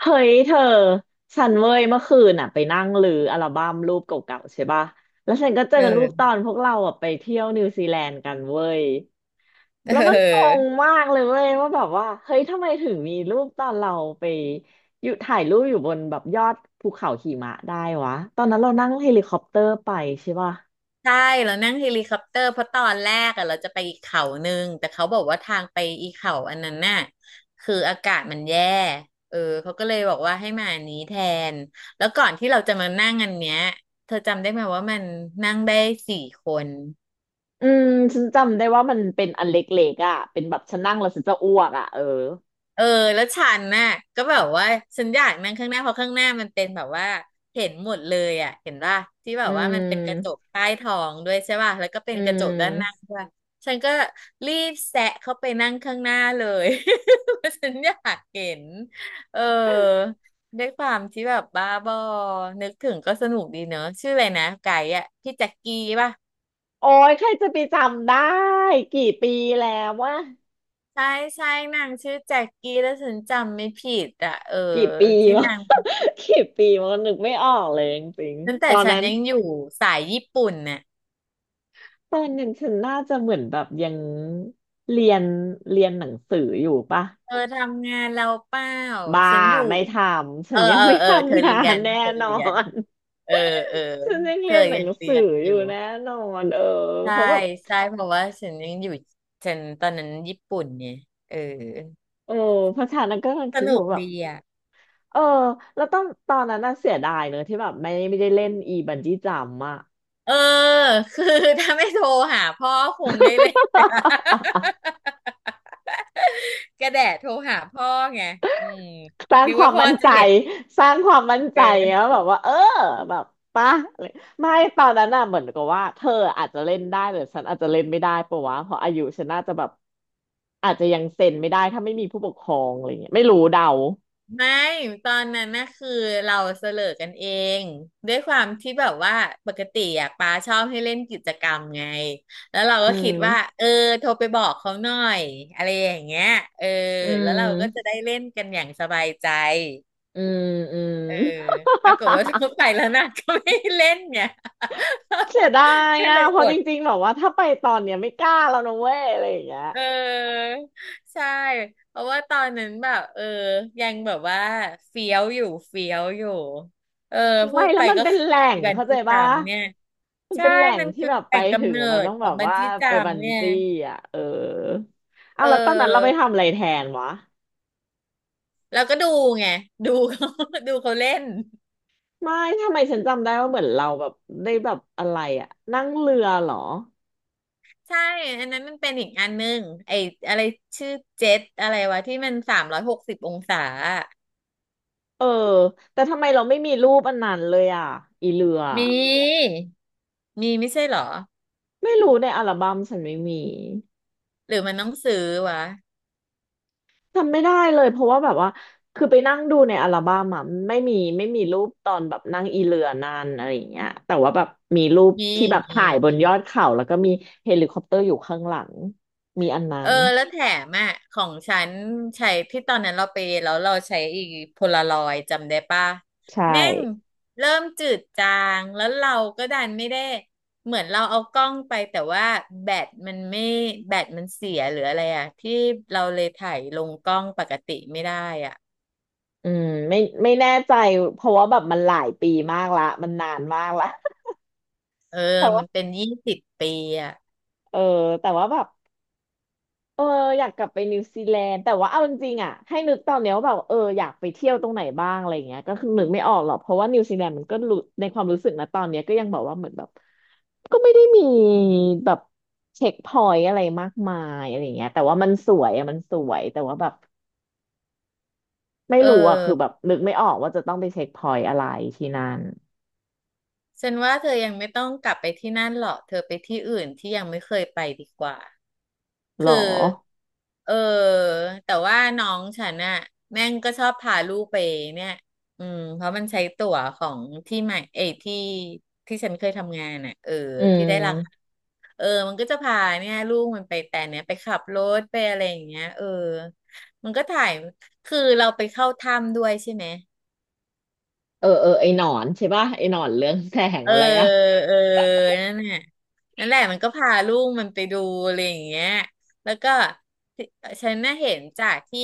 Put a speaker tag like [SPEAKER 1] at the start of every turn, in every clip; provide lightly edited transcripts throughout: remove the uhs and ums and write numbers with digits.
[SPEAKER 1] เฮ้ยเธอฉันเว้ยเมื่อคืนอ่ะไปนั่งรื้ออัลบั้มรูปเก่าๆใช่ปะแล้วฉันก็เจอ
[SPEAKER 2] เอ
[SPEAKER 1] รู
[SPEAKER 2] อ
[SPEAKER 1] ปตอนพวกเราอ่ะไปเที่ยวนิวซีแลนด์กันเว้ย แล้วมันงง
[SPEAKER 2] เออ
[SPEAKER 1] มากเลยเว้ยว่าแบบว่าเฮ้ยทำไมถึงมีรูปตอนเราไปอยู่ถ่ายรูปอยู่บนแบบยอดภูเขาหิมะได้วะตอนนั้นเรานั่งเฮลิคอปเตอร์ไปใช่ปะ
[SPEAKER 2] นั่งเฮลิคอปเตอร์เพราะตอนแรกอะเราจะไปอีกเขาหนึ่งแต่เขาบอกว่าทางไปอีเขาอันนั้นน่ะคืออากาศมันแย่เออเขาก็เลยบอกว่าให้มาอันนี้แทนแล้วก่อนที่เราจะมานั่งอันเนี้ยเธอจำได้ไหมว่ามันนั่งได้4 คน
[SPEAKER 1] อืมฉันจำได้ว่ามันเป็นอันเล็กๆอ่ะเป็นแบบฉันนั่งแล้วฉันจะอ้วกอ่ะเออ
[SPEAKER 2] เออแล้วฉันน่ะก็แบบว่าฉันอยากนั่งข้างหน้าเพราะข้างหน้ามันเป็นแบบว่าเห็นหมดเลยอ่ะเห็นป่ะที่แบ
[SPEAKER 1] อื
[SPEAKER 2] บว่ามันเป็นกระจ
[SPEAKER 1] ม
[SPEAKER 2] กใต้ท้องด้วยใช่ป่ะแล้วก็เป็น
[SPEAKER 1] อื
[SPEAKER 2] กระจกด้านหน้า
[SPEAKER 1] ม
[SPEAKER 2] ด้วยฉันก็รีบแซะเข้าไปนั่งข้างหน้าเลย เพราะฉันอยากเห็นเออด้วยความที่แบบบ้าบอนึกถึงก็สนุกดีเนอะชื่ออะไรนะไก่อ่ะพี่แจ็คกี้ป่ะ
[SPEAKER 1] โอ้ยใครจะไปจำได้กี่ปีแล้วว่า
[SPEAKER 2] ใช่ใช่นางชื่อแจ็คกี้แล้วฉันจำไม่ผิดอ่ะเออ
[SPEAKER 1] กี่ปี
[SPEAKER 2] ที่
[SPEAKER 1] วะ
[SPEAKER 2] นาง
[SPEAKER 1] กี่ปีวะนึกไม่ออกเลยจริง
[SPEAKER 2] ตั้ง
[SPEAKER 1] ๆต
[SPEAKER 2] แต่
[SPEAKER 1] อน
[SPEAKER 2] ฉัน
[SPEAKER 1] นั้น
[SPEAKER 2] ยังอยู่สายญี่ปุ่นเนี่ย
[SPEAKER 1] ตอนนั้นฉันน่าจะเหมือนแบบยังเรียนเรียนหนังสืออยู่ปะ
[SPEAKER 2] เธอทำงานเราเปล่า
[SPEAKER 1] บ้า
[SPEAKER 2] ฉันอยู่
[SPEAKER 1] ไม่ทำ
[SPEAKER 2] เอ
[SPEAKER 1] ฉั
[SPEAKER 2] อ
[SPEAKER 1] นยัง
[SPEAKER 2] เออ
[SPEAKER 1] ไม่
[SPEAKER 2] เออเธอ
[SPEAKER 1] ทำงา
[SPEAKER 2] เรีย
[SPEAKER 1] น
[SPEAKER 2] น
[SPEAKER 1] แน่
[SPEAKER 2] เธอ
[SPEAKER 1] นอ
[SPEAKER 2] เรียน
[SPEAKER 1] น
[SPEAKER 2] เออเออ
[SPEAKER 1] ฉันยัง
[SPEAKER 2] เธ
[SPEAKER 1] เรี
[SPEAKER 2] อ
[SPEAKER 1] ยนหนั
[SPEAKER 2] ยัง
[SPEAKER 1] ง
[SPEAKER 2] เรี
[SPEAKER 1] สือ
[SPEAKER 2] ยน
[SPEAKER 1] อ
[SPEAKER 2] อ
[SPEAKER 1] ยู่
[SPEAKER 2] ยู่
[SPEAKER 1] แน่นอนเออ
[SPEAKER 2] ใช่
[SPEAKER 1] เขาะแบบ
[SPEAKER 2] ใช่เพราะว่าฉันยังอยู่ฉันตอนนั้นญี่ปุ่นเนี่ยเออ
[SPEAKER 1] เออเพราะฉะนั้นก็กำลัง
[SPEAKER 2] ส
[SPEAKER 1] คิดอ
[SPEAKER 2] นุ
[SPEAKER 1] ยู่
[SPEAKER 2] ก
[SPEAKER 1] ว่าแบบ
[SPEAKER 2] ดีอ่ะ
[SPEAKER 1] เออแล้วตอนนั้นน่ะเสียดายเนอะที่แบบไม่ได้เล่นอีบันจี้จัมป์อะ
[SPEAKER 2] เออ คือถ้าไม่โทรหาพ่อคงได้เล่น กระ แดะโทรหาพ่อไงอืม
[SPEAKER 1] สร้าง
[SPEAKER 2] นึก
[SPEAKER 1] ควา
[SPEAKER 2] ว่า
[SPEAKER 1] ม
[SPEAKER 2] พ่อ
[SPEAKER 1] มั่น
[SPEAKER 2] จะ
[SPEAKER 1] ใจ
[SPEAKER 2] เห็น
[SPEAKER 1] สร้างความมั่น
[SPEAKER 2] เ
[SPEAKER 1] ใจแล้ว
[SPEAKER 2] ออ
[SPEAKER 1] แบบว่าเออแบบป่ะอะไรไม่ตอนนั้นน่ะเหมือนกับว่าเธออาจจะเล่นได้แต่ฉันอาจจะเล่นไม่ได้ปะวะเพราะอายุฉันน่าจะแบบอาจจะยังเซ็นไม่ได้ถ้าไม่มีผู้ปกครองอะไรเงี้ยไม่รู้เดา
[SPEAKER 2] ไม่ตอนนั้นน่ะคือเราเสลอกันเองด้วยความที่แบบว่าปกติอ่ะปาชอบให้เล่นกิจกรรมไงแล้วเรา
[SPEAKER 1] อื
[SPEAKER 2] ก็คิด
[SPEAKER 1] ม
[SPEAKER 2] ว่าเออโทรไปบอกเขาหน่อยอะไรอย่างเงี้ยเออ
[SPEAKER 1] อื
[SPEAKER 2] แล้วเราก็จะ
[SPEAKER 1] ม
[SPEAKER 2] ได้เล่นกันอย่างสบายใจ
[SPEAKER 1] อืมอืม
[SPEAKER 2] เออปรากฏว่า โทร ไปแล้วนะก็ไม่ให้เล่นเนี่ย
[SPEAKER 1] เสียดา ย
[SPEAKER 2] ก็
[SPEAKER 1] อ่ะ
[SPEAKER 2] เลย
[SPEAKER 1] เพ
[SPEAKER 2] อ
[SPEAKER 1] ราะจ
[SPEAKER 2] ด
[SPEAKER 1] ริงๆแบบว่าถ้าไปตอนเนี้ยไม่กล้าแล้วนะเว้ยอะไรอย่างเงี้ย
[SPEAKER 2] เออใช่เพราะว่าตอนนั้นแบบเออยังแบบว่าเฟี้ยวอยู่เฟี้ยวอยู่เออพู
[SPEAKER 1] ไม่
[SPEAKER 2] ด
[SPEAKER 1] แล้
[SPEAKER 2] ไป
[SPEAKER 1] วมัน
[SPEAKER 2] ก็
[SPEAKER 1] เป็น
[SPEAKER 2] คือ
[SPEAKER 1] แหล่
[SPEAKER 2] อี
[SPEAKER 1] ง
[SPEAKER 2] บัน
[SPEAKER 1] เข้าใจ
[SPEAKER 2] จี้จั
[SPEAKER 1] ปะ
[SPEAKER 2] มป์เนี่ย
[SPEAKER 1] มัน
[SPEAKER 2] ใช่
[SPEAKER 1] เป็นแหล่ง
[SPEAKER 2] มัน
[SPEAKER 1] ที่
[SPEAKER 2] คือ
[SPEAKER 1] แบบ
[SPEAKER 2] แห
[SPEAKER 1] ไป
[SPEAKER 2] ล่ง
[SPEAKER 1] ถึ
[SPEAKER 2] กำ
[SPEAKER 1] ง
[SPEAKER 2] เนิ
[SPEAKER 1] แล้วมัน
[SPEAKER 2] ด
[SPEAKER 1] ต้อง
[SPEAKER 2] ขอ
[SPEAKER 1] แบ
[SPEAKER 2] ง
[SPEAKER 1] บ
[SPEAKER 2] บัน
[SPEAKER 1] ว่า
[SPEAKER 2] จี้จั
[SPEAKER 1] ไป
[SPEAKER 2] ม
[SPEAKER 1] บั
[SPEAKER 2] ป์
[SPEAKER 1] น
[SPEAKER 2] เนี่ย
[SPEAKER 1] จี้อ่ะเออ
[SPEAKER 2] เ
[SPEAKER 1] เอาแล้วตอนนั้นเราไป
[SPEAKER 2] ออ
[SPEAKER 1] ทำอะไรแทนวะ
[SPEAKER 2] แล้วก็ดูไงดู เขา ดูเขาเล่น
[SPEAKER 1] ไม่ทำไมฉันจำได้ว่าเหมือนเราแบบได้แบบอะไรอ่ะนั่งเรือเหรอ
[SPEAKER 2] ใช่อันนั้นมันเป็นอีกอันหนึงไอ้อะไรชื่อเจ็ตอะไรวะที่มัน360 องศาอะ
[SPEAKER 1] เออแต่ทำไมเราไม่มีรูปอันนั้นเลยอ่ะอีเรือ
[SPEAKER 2] มีมีไม่ใช่เหรอ
[SPEAKER 1] ไม่รู้ในอัลบั้มฉันไม่มี
[SPEAKER 2] หรือมันต้องซื้อวะ
[SPEAKER 1] จำไม่ได้เลยเพราะว่าแบบว่าคือไปนั่งดูในอัลบั้มอะไม่มีรูปตอนแบบนั่งอีเรือนานอะไรอย่างเงี้ยแต่ว่าแบบมีรูป
[SPEAKER 2] มี
[SPEAKER 1] ที่แบบ
[SPEAKER 2] มี
[SPEAKER 1] ถ่ายบนยอดเขาแล้วก็มีเฮลิคอปเตอร์อยู่ข้างหลังมีอันนั้
[SPEAKER 2] เออ
[SPEAKER 1] น
[SPEAKER 2] แล้วแถมอ่ะของฉันใช้ที่ตอนนั้นเราไปแล้วเราใช้อีกโพลารอยด์จำได้ป่ะ
[SPEAKER 1] ใช่
[SPEAKER 2] แม่งเริ่มจืดจางแล้วเราก็ดันไม่ได้เหมือนเราเอากล้องไปแต่ว่าแบตมันไม่แบตมันเสียหรืออะไรอ่ะที่เราเลยถ่ายลงกล้องปกติไม่ได้อ่ะ
[SPEAKER 1] อืมไม่แน่ใจเพราะว่าแบบมันหลายปีมากละมันนานมากละ
[SPEAKER 2] เออ
[SPEAKER 1] แต่ว่า
[SPEAKER 2] มันเป็น20 ปีอ่ะ
[SPEAKER 1] เออแต่ว่าแบบ เอออยากกลับไปนิวซีแลนด์แต่ว่าเอาจริงๆอ่ะให้นึกตอนเนี้ยว่าแบบเอออยากไปเที่ยวตรงไหนบ้างอะไรเงี้ยก็คือนึกไม่ออกหรอกเพราะว่านิวซีแลนด์มันก็รู้ในความรู้สึกนะตอนเนี้ยก็ยังแบบว่าเหมือนแบบก็ไม่ได้มีแบบเช็คพอยต์อะไรมากมายอะไรเงี้ยแต่ว่ามันสวยอะมันสวยแต่ว่าแบบไม่
[SPEAKER 2] เออ
[SPEAKER 1] รู้อ่ะคือแบบนึกไม่ออกว่าจะต้องไปเช็คพอยต์อะไรที่นั่น
[SPEAKER 2] ฉันว่าเธอยังไม่ต้องกลับไปที่นั่นหรอกเธอไปที่อื่นที่ยังไม่เคยไปดีกว่า
[SPEAKER 1] หรอ
[SPEAKER 2] คือเออแต่ว่าน้องฉันน่ะแม่งก็ชอบพาลูกไปเนี่ยอืมเพราะมันใช้ตั๋วของที่ใหม่เอยที่ที่ฉันเคยทำงานน่ะเออ
[SPEAKER 1] อื
[SPEAKER 2] ที่ได้ราคา
[SPEAKER 1] ม
[SPEAKER 2] เออมันก็จะพาเนี่ยลูกมันไปแต่เนี้ยไปขับรถไปอะไรอย่างเงี้ยเออมันก็ถ่ายคือเราไปเข้าถ้ำด้วยใช่ไหม
[SPEAKER 1] เออเออไอหนอนใช่ป่ะไอหนอนเรื่องแสง
[SPEAKER 2] เออ
[SPEAKER 1] อะไรอ่ะ
[SPEAKER 2] เออนั่นแหละนั่นแหละมันก็พาลูกมันไปดูอะไรอย่างเงี้ยแล้วก็ที่ฉันน่ะเห็นจากที่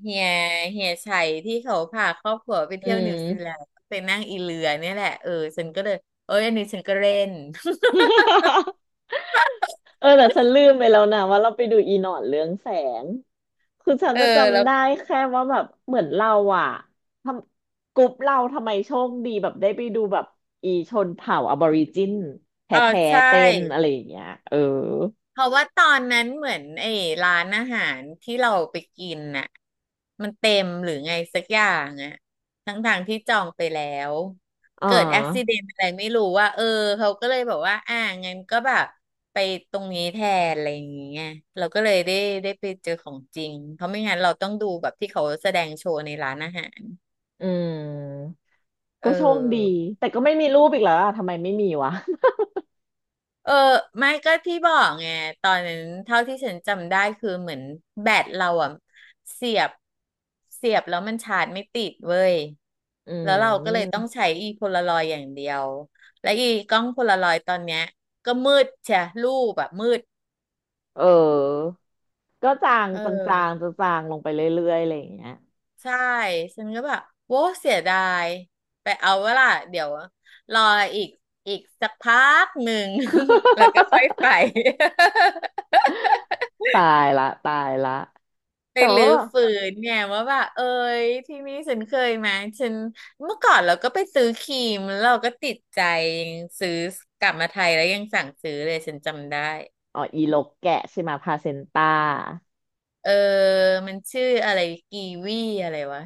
[SPEAKER 2] เฮียเฮียชัยที่เขาพาครอบครัวไป
[SPEAKER 1] อื
[SPEAKER 2] เที่ยวนิวซีแล
[SPEAKER 1] ม
[SPEAKER 2] นด์ไปนั่งอีเรือเนี่ยแหละเออฉันก็เลยเอ้ยอันนี้ฉันก็เล่น
[SPEAKER 1] เออแต่ฉันลืมไปแล้วนะว่าเราไปดูอีหนอนเรื่องแสงคือฉั น
[SPEAKER 2] เออ
[SPEAKER 1] จะ
[SPEAKER 2] แล้
[SPEAKER 1] จำ
[SPEAKER 2] ว
[SPEAKER 1] ได้แค่ว่าแบบเหมือนเราอ่ะทำกลุ่มเราทำไมโชคดีแบบได้ไปดูแบบอีชนเผ่าอะบอริจินแท้
[SPEAKER 2] อ๋อ
[SPEAKER 1] แท้
[SPEAKER 2] ใช่
[SPEAKER 1] เต้นอะไรอย่างเงี้ยเออ
[SPEAKER 2] เพราะว่าตอนนั้นเหมือนไอ้ร้านอาหารที่เราไปกินน่ะมันเต็มหรือไงสักอย่างอ่ะทั้งทางที่จองไปแล้ว
[SPEAKER 1] อ่
[SPEAKER 2] เกิดอุบิ
[SPEAKER 1] า
[SPEAKER 2] เหตุอะไรไม่รู้ว่าเออเขาก็เลยบอกว่าอ่างั้นก็แบบไปตรงนี้แทนอะไรอย่างเงี้ยเราก็เลยได้ไปเจอของจริงเพราะไม่งั้นเราต้องดูแบบที่เขาแสดงโชว์ในร้านอาหาร
[SPEAKER 1] อืม
[SPEAKER 2] เ
[SPEAKER 1] ก็โชคดี
[SPEAKER 2] ออ
[SPEAKER 1] แต่ก็ไม่มีรูปอีกแล้วอะทำไมไม่มีวะ
[SPEAKER 2] เออไม่ก็ที่บอกไงตอนนั้นเท่าที่ฉันจำได้คือเหมือนแบตเราอ่ะเสียบเสียบแล้วมันชาร์จไม่ติดเว้ย
[SPEAKER 1] อื
[SPEAKER 2] แล้วเราก็เลยต้อ
[SPEAKER 1] ม
[SPEAKER 2] งใช้อีโพลารอยด์อย่างเดียวและอีกล้องโพลารอยด์ตอนเนี้ยก็มืดใช่รูปแบบมืด
[SPEAKER 1] เออก็จาง
[SPEAKER 2] เอ
[SPEAKER 1] จางๆ
[SPEAKER 2] อ
[SPEAKER 1] จางๆลงไปเรื่อยๆอะไรอย่างเงี้ย
[SPEAKER 2] ใช่ฉันก็แบบโว้เสียดายไปเอาเวล่ะเดี๋ยวรออีกอีกสักพักหนึ่ง แล้วก็ค่อยไป
[SPEAKER 1] ตายละตายละ
[SPEAKER 2] ไป
[SPEAKER 1] แต่
[SPEAKER 2] รื้
[SPEAKER 1] ว่า
[SPEAKER 2] อฟื้นเนี่ยว่าแบบเอ้ยที่นี่ฉันเคยมาฉันเมื่อก่อนเราก็ไปซื้อครีมแล้วเราก็ติดใจยังซื้อกลับมาไทยแล้วยังสั่งซื้อเลยฉันจำได้
[SPEAKER 1] อ๋ออีลกแกะใช่ไหมพาเซนต้า
[SPEAKER 2] เออมันชื่ออะไรกีวีอะไรวะ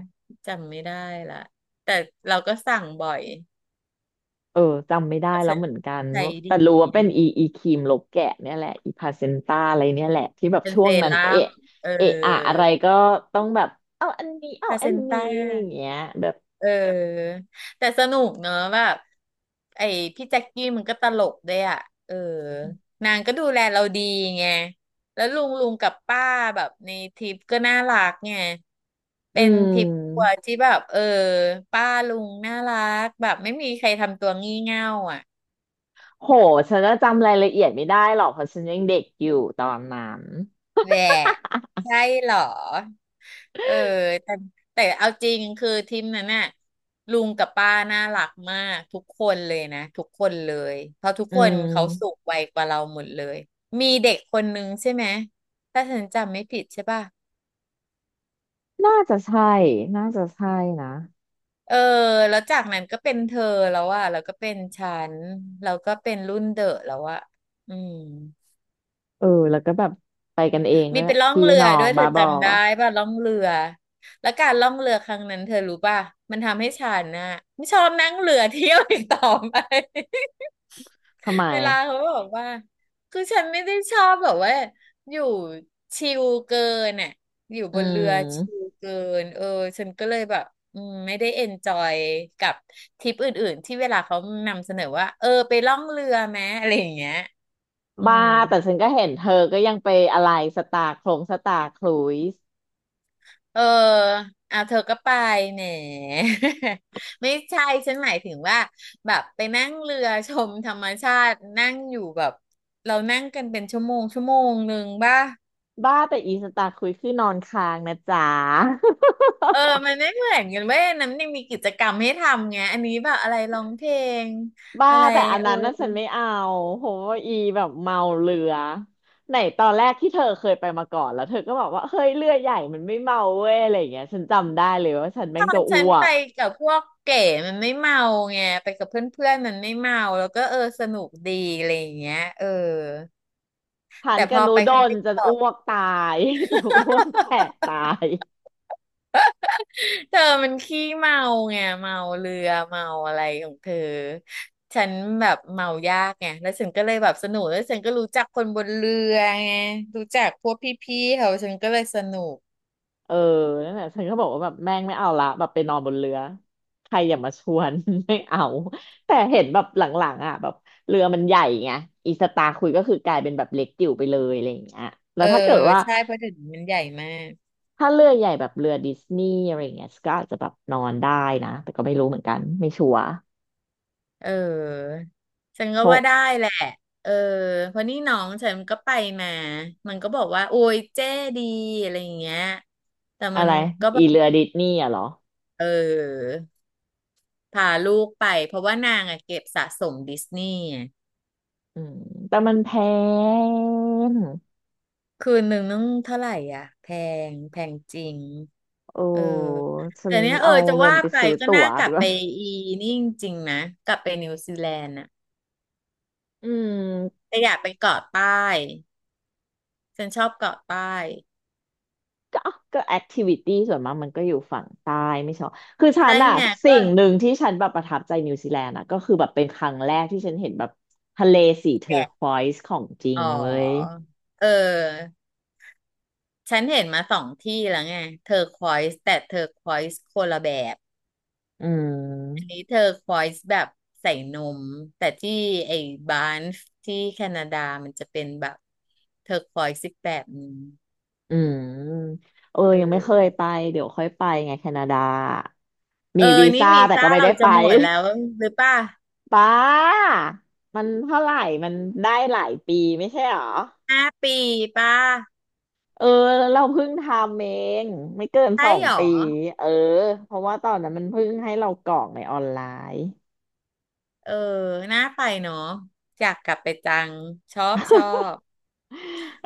[SPEAKER 2] จำไม่ได้ละแต่เราก็สั่งบ่อย
[SPEAKER 1] เออจำไม่ได้
[SPEAKER 2] เพราะ
[SPEAKER 1] แล้
[SPEAKER 2] ฉั
[SPEAKER 1] ว
[SPEAKER 2] น
[SPEAKER 1] เหมือนกัน
[SPEAKER 2] ใช้
[SPEAKER 1] ว่า
[SPEAKER 2] ดี
[SPEAKER 1] แต่รู้ว่าเป็น
[SPEAKER 2] นะ
[SPEAKER 1] อีครีมลกแกะเนี่ยแหละอีพาเซนต้าอะไรเนี่ยแหละที่แบบ
[SPEAKER 2] เป็น
[SPEAKER 1] ช่ว
[SPEAKER 2] เซ
[SPEAKER 1] งนั้น
[SPEAKER 2] รั่ม
[SPEAKER 1] เอะ
[SPEAKER 2] เออ
[SPEAKER 1] เอะอะอะไรก็ต้องแบบเอาอันนี้เอา
[SPEAKER 2] พาเซ
[SPEAKER 1] อัน
[SPEAKER 2] น
[SPEAKER 1] นี้
[SPEAKER 2] ต้า
[SPEAKER 1] อะไรอย่างเงี้ยแบบ
[SPEAKER 2] เออแต่สนุกเนอะแบบไอ้พี่แจ็คกี้มันก็ตลกด้วยอ่ะเออนางก็ดูแลเราดีไงแล้วลุงกับป้าแบบในทริปก็น่ารักไง
[SPEAKER 1] อื
[SPEAKER 2] เป็นทริปครัวร์
[SPEAKER 1] ม
[SPEAKER 2] ที่แบบเออป้าลุงน่ารักแบบไม่มีใครทำตัวงี่เง่าอ่ะ
[SPEAKER 1] โหฉันจะจำรายละเอียดไม่ได้หรอกเพราะฉันยังเด็กอยู่ตอนนั้น
[SPEAKER 2] แหละใช่เหรอ เออแต่แต่เอาจริงคือทีมนั้นน่ะลุงกับป้าน่ารักมากทุกคนเลยนะทุกคนเลยเพราะทุก
[SPEAKER 1] อื
[SPEAKER 2] คนเขาสู
[SPEAKER 1] ม
[SPEAKER 2] งวัยกว่าเราหมดเลยมีเด็กคนนึงใช่ไหมถ้าฉันจำไม่ผิดใช่ป่ะ
[SPEAKER 1] น่าจะใช่น่าจะใช่นะ
[SPEAKER 2] เออแล้วจากนั้นก็เป็นเธอแล้วอะแล้วก็เป็นฉันแล้วก็เป็นรุ่นเดอะแล้วอะอืม
[SPEAKER 1] เออแล้วก็แบบไปกันเอง
[SPEAKER 2] มี
[SPEAKER 1] ด้วย
[SPEAKER 2] เป็นล่อง
[SPEAKER 1] พี่
[SPEAKER 2] เรือ
[SPEAKER 1] น้อ
[SPEAKER 2] ด้
[SPEAKER 1] ง
[SPEAKER 2] วยเธ
[SPEAKER 1] บา
[SPEAKER 2] อ
[SPEAKER 1] บอ
[SPEAKER 2] จำได้ป่ะล่องเรือแล้วการล่องเรือครั้งนั้นเธอรู้ป่ะมันทำให้ฉันน่ะไม่ชอบนั่งเรือเที่ยวอีกต่อไป
[SPEAKER 1] ทำไม
[SPEAKER 2] เวลา
[SPEAKER 1] อะ
[SPEAKER 2] เขาบอกว่าคือฉันไม่ได้ชอบแบบว่าอยู่ชิลเกินน่ะอยู่
[SPEAKER 1] อื
[SPEAKER 2] บนเรือชิล
[SPEAKER 1] ม
[SPEAKER 2] เกินเออฉันก็เลยแบบอืมไม่ได้เอนจอยกับทริปอื่นๆที่เวลาเขานำเสนอว่าเออไปล่องเรือไหมอะไรอย่างเงี้ยอื
[SPEAKER 1] บ้า
[SPEAKER 2] ม
[SPEAKER 1] แต่ฉันก็เห็นเธอก็ยังไปอะไรสตาร์โครงสตาร์ครุยส์
[SPEAKER 2] เอออ่ะเธอก็ไปแหม ไม่ใช่ฉันหมายถึงว่าแบบไปนั่งเรือชมธรรมชาตินั่งอยู่แบบเรานั่งกันเป็นชั่วโมงชั่วโมงหนึ่งป่ะ
[SPEAKER 1] บ้าแต่อีสตาร์ครุยส์คือนอนค้างนะจ๊ะ
[SPEAKER 2] เออมันไม่เหมือนกันเว้ยอันนั้นยังมีกิจกรรมให้ทำไงอันนี้แบบอะไรร้องเพลง
[SPEAKER 1] บ้า
[SPEAKER 2] อะไร
[SPEAKER 1] แต่อัน
[SPEAKER 2] เออ
[SPEAKER 1] นั้นน่ะฉันไม่เอาโหอีแบบเมาเรือไหนตอนแรกที่เธอเคยไปมาก่อนแล้วเธอก็บอกว่าเฮ้ยเรือใหญ่มันไม่เมาเว้ยอะไรอย่างเงี้ยฉันจำได้เลยว่าฉัน
[SPEAKER 2] ต
[SPEAKER 1] แม่ง
[SPEAKER 2] อ
[SPEAKER 1] จะ
[SPEAKER 2] น
[SPEAKER 1] อ้
[SPEAKER 2] ฉัน
[SPEAKER 1] ว
[SPEAKER 2] ไป
[SPEAKER 1] ก
[SPEAKER 2] กับพวกเก๋มันไม่เมาไงไปกับเพื่อนๆมันไม่เมาแล้วก็เออสนุกดีอะไรอย่างเงี้ยเออ
[SPEAKER 1] ทาน
[SPEAKER 2] แต่
[SPEAKER 1] ก
[SPEAKER 2] พ
[SPEAKER 1] ระ
[SPEAKER 2] อ
[SPEAKER 1] นู
[SPEAKER 2] ไป
[SPEAKER 1] ด
[SPEAKER 2] ครั้ง
[SPEAKER 1] น
[SPEAKER 2] ที่
[SPEAKER 1] จะ
[SPEAKER 2] สอ
[SPEAKER 1] อ้
[SPEAKER 2] ง
[SPEAKER 1] วกตาย จะอ้วกแตกตาย
[SPEAKER 2] เธอมันขี้เมาไงเมาเรือเมาอะไรของเธอฉันแบบเมายากไงแล้วฉันก็เลยแบบสนุกแล้วฉันก็รู้จักคนบนเรือไงรู้จักพวกพี่ๆเขาฉันก็เลยสนุก
[SPEAKER 1] เออนั่นแหละฉันก็บอกว่าแบบแม่งไม่เอาละแบบไปนอนบนเรือ ใครอย่ามาชวน ไม่เอา แต่เห็นแบบหลังๆอ่ะแบบเรือมันใหญ่ไงอีสตาร์คุยก็คือกลายเป็นแบบเล็กจิ๋วไปเลยอะไรอย่างเงี้ยแล้
[SPEAKER 2] เอ
[SPEAKER 1] ว
[SPEAKER 2] อ
[SPEAKER 1] ถ้าเกิดว่า
[SPEAKER 2] ใช่เพราะเดี๋ยวนี้มันใหญ่มาก
[SPEAKER 1] ถ้าเรือใหญ่แบบเรือดิสนีย์อะไรอย่างเงี้ยก็อาจจะแบบนอนได้นะ แต่ก็ไม่รู้เหมือนกัน ไม่ชัวร์
[SPEAKER 2] เออฉันก็
[SPEAKER 1] เพราะ
[SPEAKER 2] ว่าได้แหละเออเพราะนี่น้องฉันก็ไปมามันก็บอกว่าโอ้ยเจ๊ดีอะไรอย่างเงี้ยแต่
[SPEAKER 1] อะ
[SPEAKER 2] มัน
[SPEAKER 1] ไร
[SPEAKER 2] ก็แบ
[SPEAKER 1] อี
[SPEAKER 2] บ
[SPEAKER 1] เรือดิสนีย์อะเหรอ
[SPEAKER 2] เออพาลูกไปเพราะว่านางอะเก็บสะสมดิสนีย์
[SPEAKER 1] อืมแต่มันแพง
[SPEAKER 2] คืนหนึ่งเท่าไหร่อ่ะแพงจริง
[SPEAKER 1] โอ้
[SPEAKER 2] เออ
[SPEAKER 1] ฉั
[SPEAKER 2] แต่
[SPEAKER 1] น
[SPEAKER 2] เนี้ยเออ
[SPEAKER 1] เอา
[SPEAKER 2] จะ
[SPEAKER 1] เงิน
[SPEAKER 2] ว่า
[SPEAKER 1] ไป
[SPEAKER 2] ไป
[SPEAKER 1] ซื้อ
[SPEAKER 2] ก็
[SPEAKER 1] ตั๋
[SPEAKER 2] น่า
[SPEAKER 1] ว
[SPEAKER 2] กลั
[SPEAKER 1] ดี
[SPEAKER 2] บ
[SPEAKER 1] ก
[SPEAKER 2] ไป
[SPEAKER 1] ว่า
[SPEAKER 2] อีนี่จริงๆนะกลับไปนิวซีแลนด์อ่ะ
[SPEAKER 1] อืม
[SPEAKER 2] แต่อยากไปเกาะใต้ฉันชอบเกาะใต้
[SPEAKER 1] ก็ก็แอคทิวิตี้ส่วนมากมันก็อยู่ฝั่งใต้ไม่ใช่หรอคือฉั
[SPEAKER 2] ใช่
[SPEAKER 1] นอะ
[SPEAKER 2] ไงก็
[SPEAKER 1] สิ่งหนึ่งที่ฉันแบบประทับใจนิวซีแลนด์อะก็คือแบบเป็นครั้งแรกที่ฉันเห็นแบบทะเลสีเทอร์
[SPEAKER 2] แกะ
[SPEAKER 1] ควอยซ์ของจริง
[SPEAKER 2] อ๋อ
[SPEAKER 1] เว้ย
[SPEAKER 2] เออฉันเห็นมาสองที่แล้วไงเทอร์ควอยส์แต่เทอร์ควอยส์คนละแบบ
[SPEAKER 1] อื
[SPEAKER 2] อัน
[SPEAKER 1] ม
[SPEAKER 2] นี้เธอควอยส์แบบใส่นมแต่ที่ไอ้บานฟที่แคนาดามันจะเป็นแบบเธอควอยส์อีกแบบหนึง
[SPEAKER 1] อืมเออ
[SPEAKER 2] เอ
[SPEAKER 1] ยังไม่เคย
[SPEAKER 2] อ
[SPEAKER 1] ไปเดี๋ยวค่อยไปไงแคนาดา
[SPEAKER 2] เอ
[SPEAKER 1] มี
[SPEAKER 2] อ
[SPEAKER 1] วี
[SPEAKER 2] นี่
[SPEAKER 1] ซ่า
[SPEAKER 2] วี
[SPEAKER 1] แต่
[SPEAKER 2] ซ่า
[SPEAKER 1] ก็ไม่
[SPEAKER 2] เรา
[SPEAKER 1] ได้ไป
[SPEAKER 2] จะหมดแล้วหรือป่ะ
[SPEAKER 1] ป้ามันเท่าไหร่มันได้หลายปีไม่ใช่หรอ
[SPEAKER 2] ห้าปีป่ะ
[SPEAKER 1] เออเราเพิ่งทำเองไม่เกินส
[SPEAKER 2] ใช่
[SPEAKER 1] อง
[SPEAKER 2] หรอ
[SPEAKER 1] ปีเออเพราะว่าตอนนั้นมันเพิ่งให้เรากรอกในออนไลน์
[SPEAKER 2] เออน่าไปเนาะอยากกลับไปจังชอบ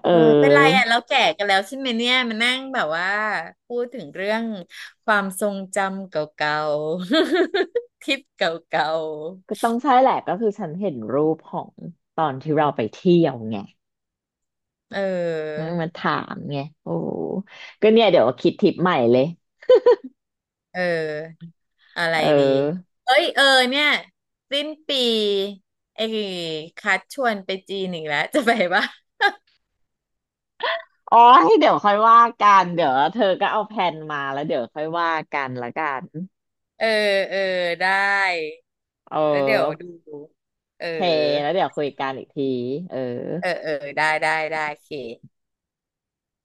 [SPEAKER 1] เ
[SPEAKER 2] เออเป็นไร
[SPEAKER 1] ออ
[SPEAKER 2] อ่ะเราแก่กันแล้วใช่ไหมเนี่ยมานั่งแบบว่าพูดถึงเรื่องความทรงจำเก่าๆ ทริปเก่า
[SPEAKER 1] ก็ต้องใช่แหละก็คือฉันเห็นรูปของตอนที่เราไปเที่ยวไง
[SPEAKER 2] ๆเอ
[SPEAKER 1] มันมา
[SPEAKER 2] อ
[SPEAKER 1] ถามไงโอ้ก็เนี่ยเดี๋ยวคิดทริปใหม่เลย
[SPEAKER 2] เอออะไร
[SPEAKER 1] เอ
[SPEAKER 2] ดี
[SPEAKER 1] อ
[SPEAKER 2] เอ้ยเออเนี่ยสิ้นปีไอ้คัดชวนไปจีนอีกแล้วจะไปปะ
[SPEAKER 1] อ๋อให้เดี๋ยวค่อยว่ากันเดี๋ยวเธอก็เอาแผนมาแล้วเดี๋ยวค่อยว่ากันละกัน
[SPEAKER 2] เออเออได้
[SPEAKER 1] เ
[SPEAKER 2] แล้วเดี๋ยว
[SPEAKER 1] ออ
[SPEAKER 2] ดูเออ
[SPEAKER 1] โอเคแล้วเดี๋ยวคุยกันอีกทีเออ
[SPEAKER 2] เออเออได้ได้ได้โอเค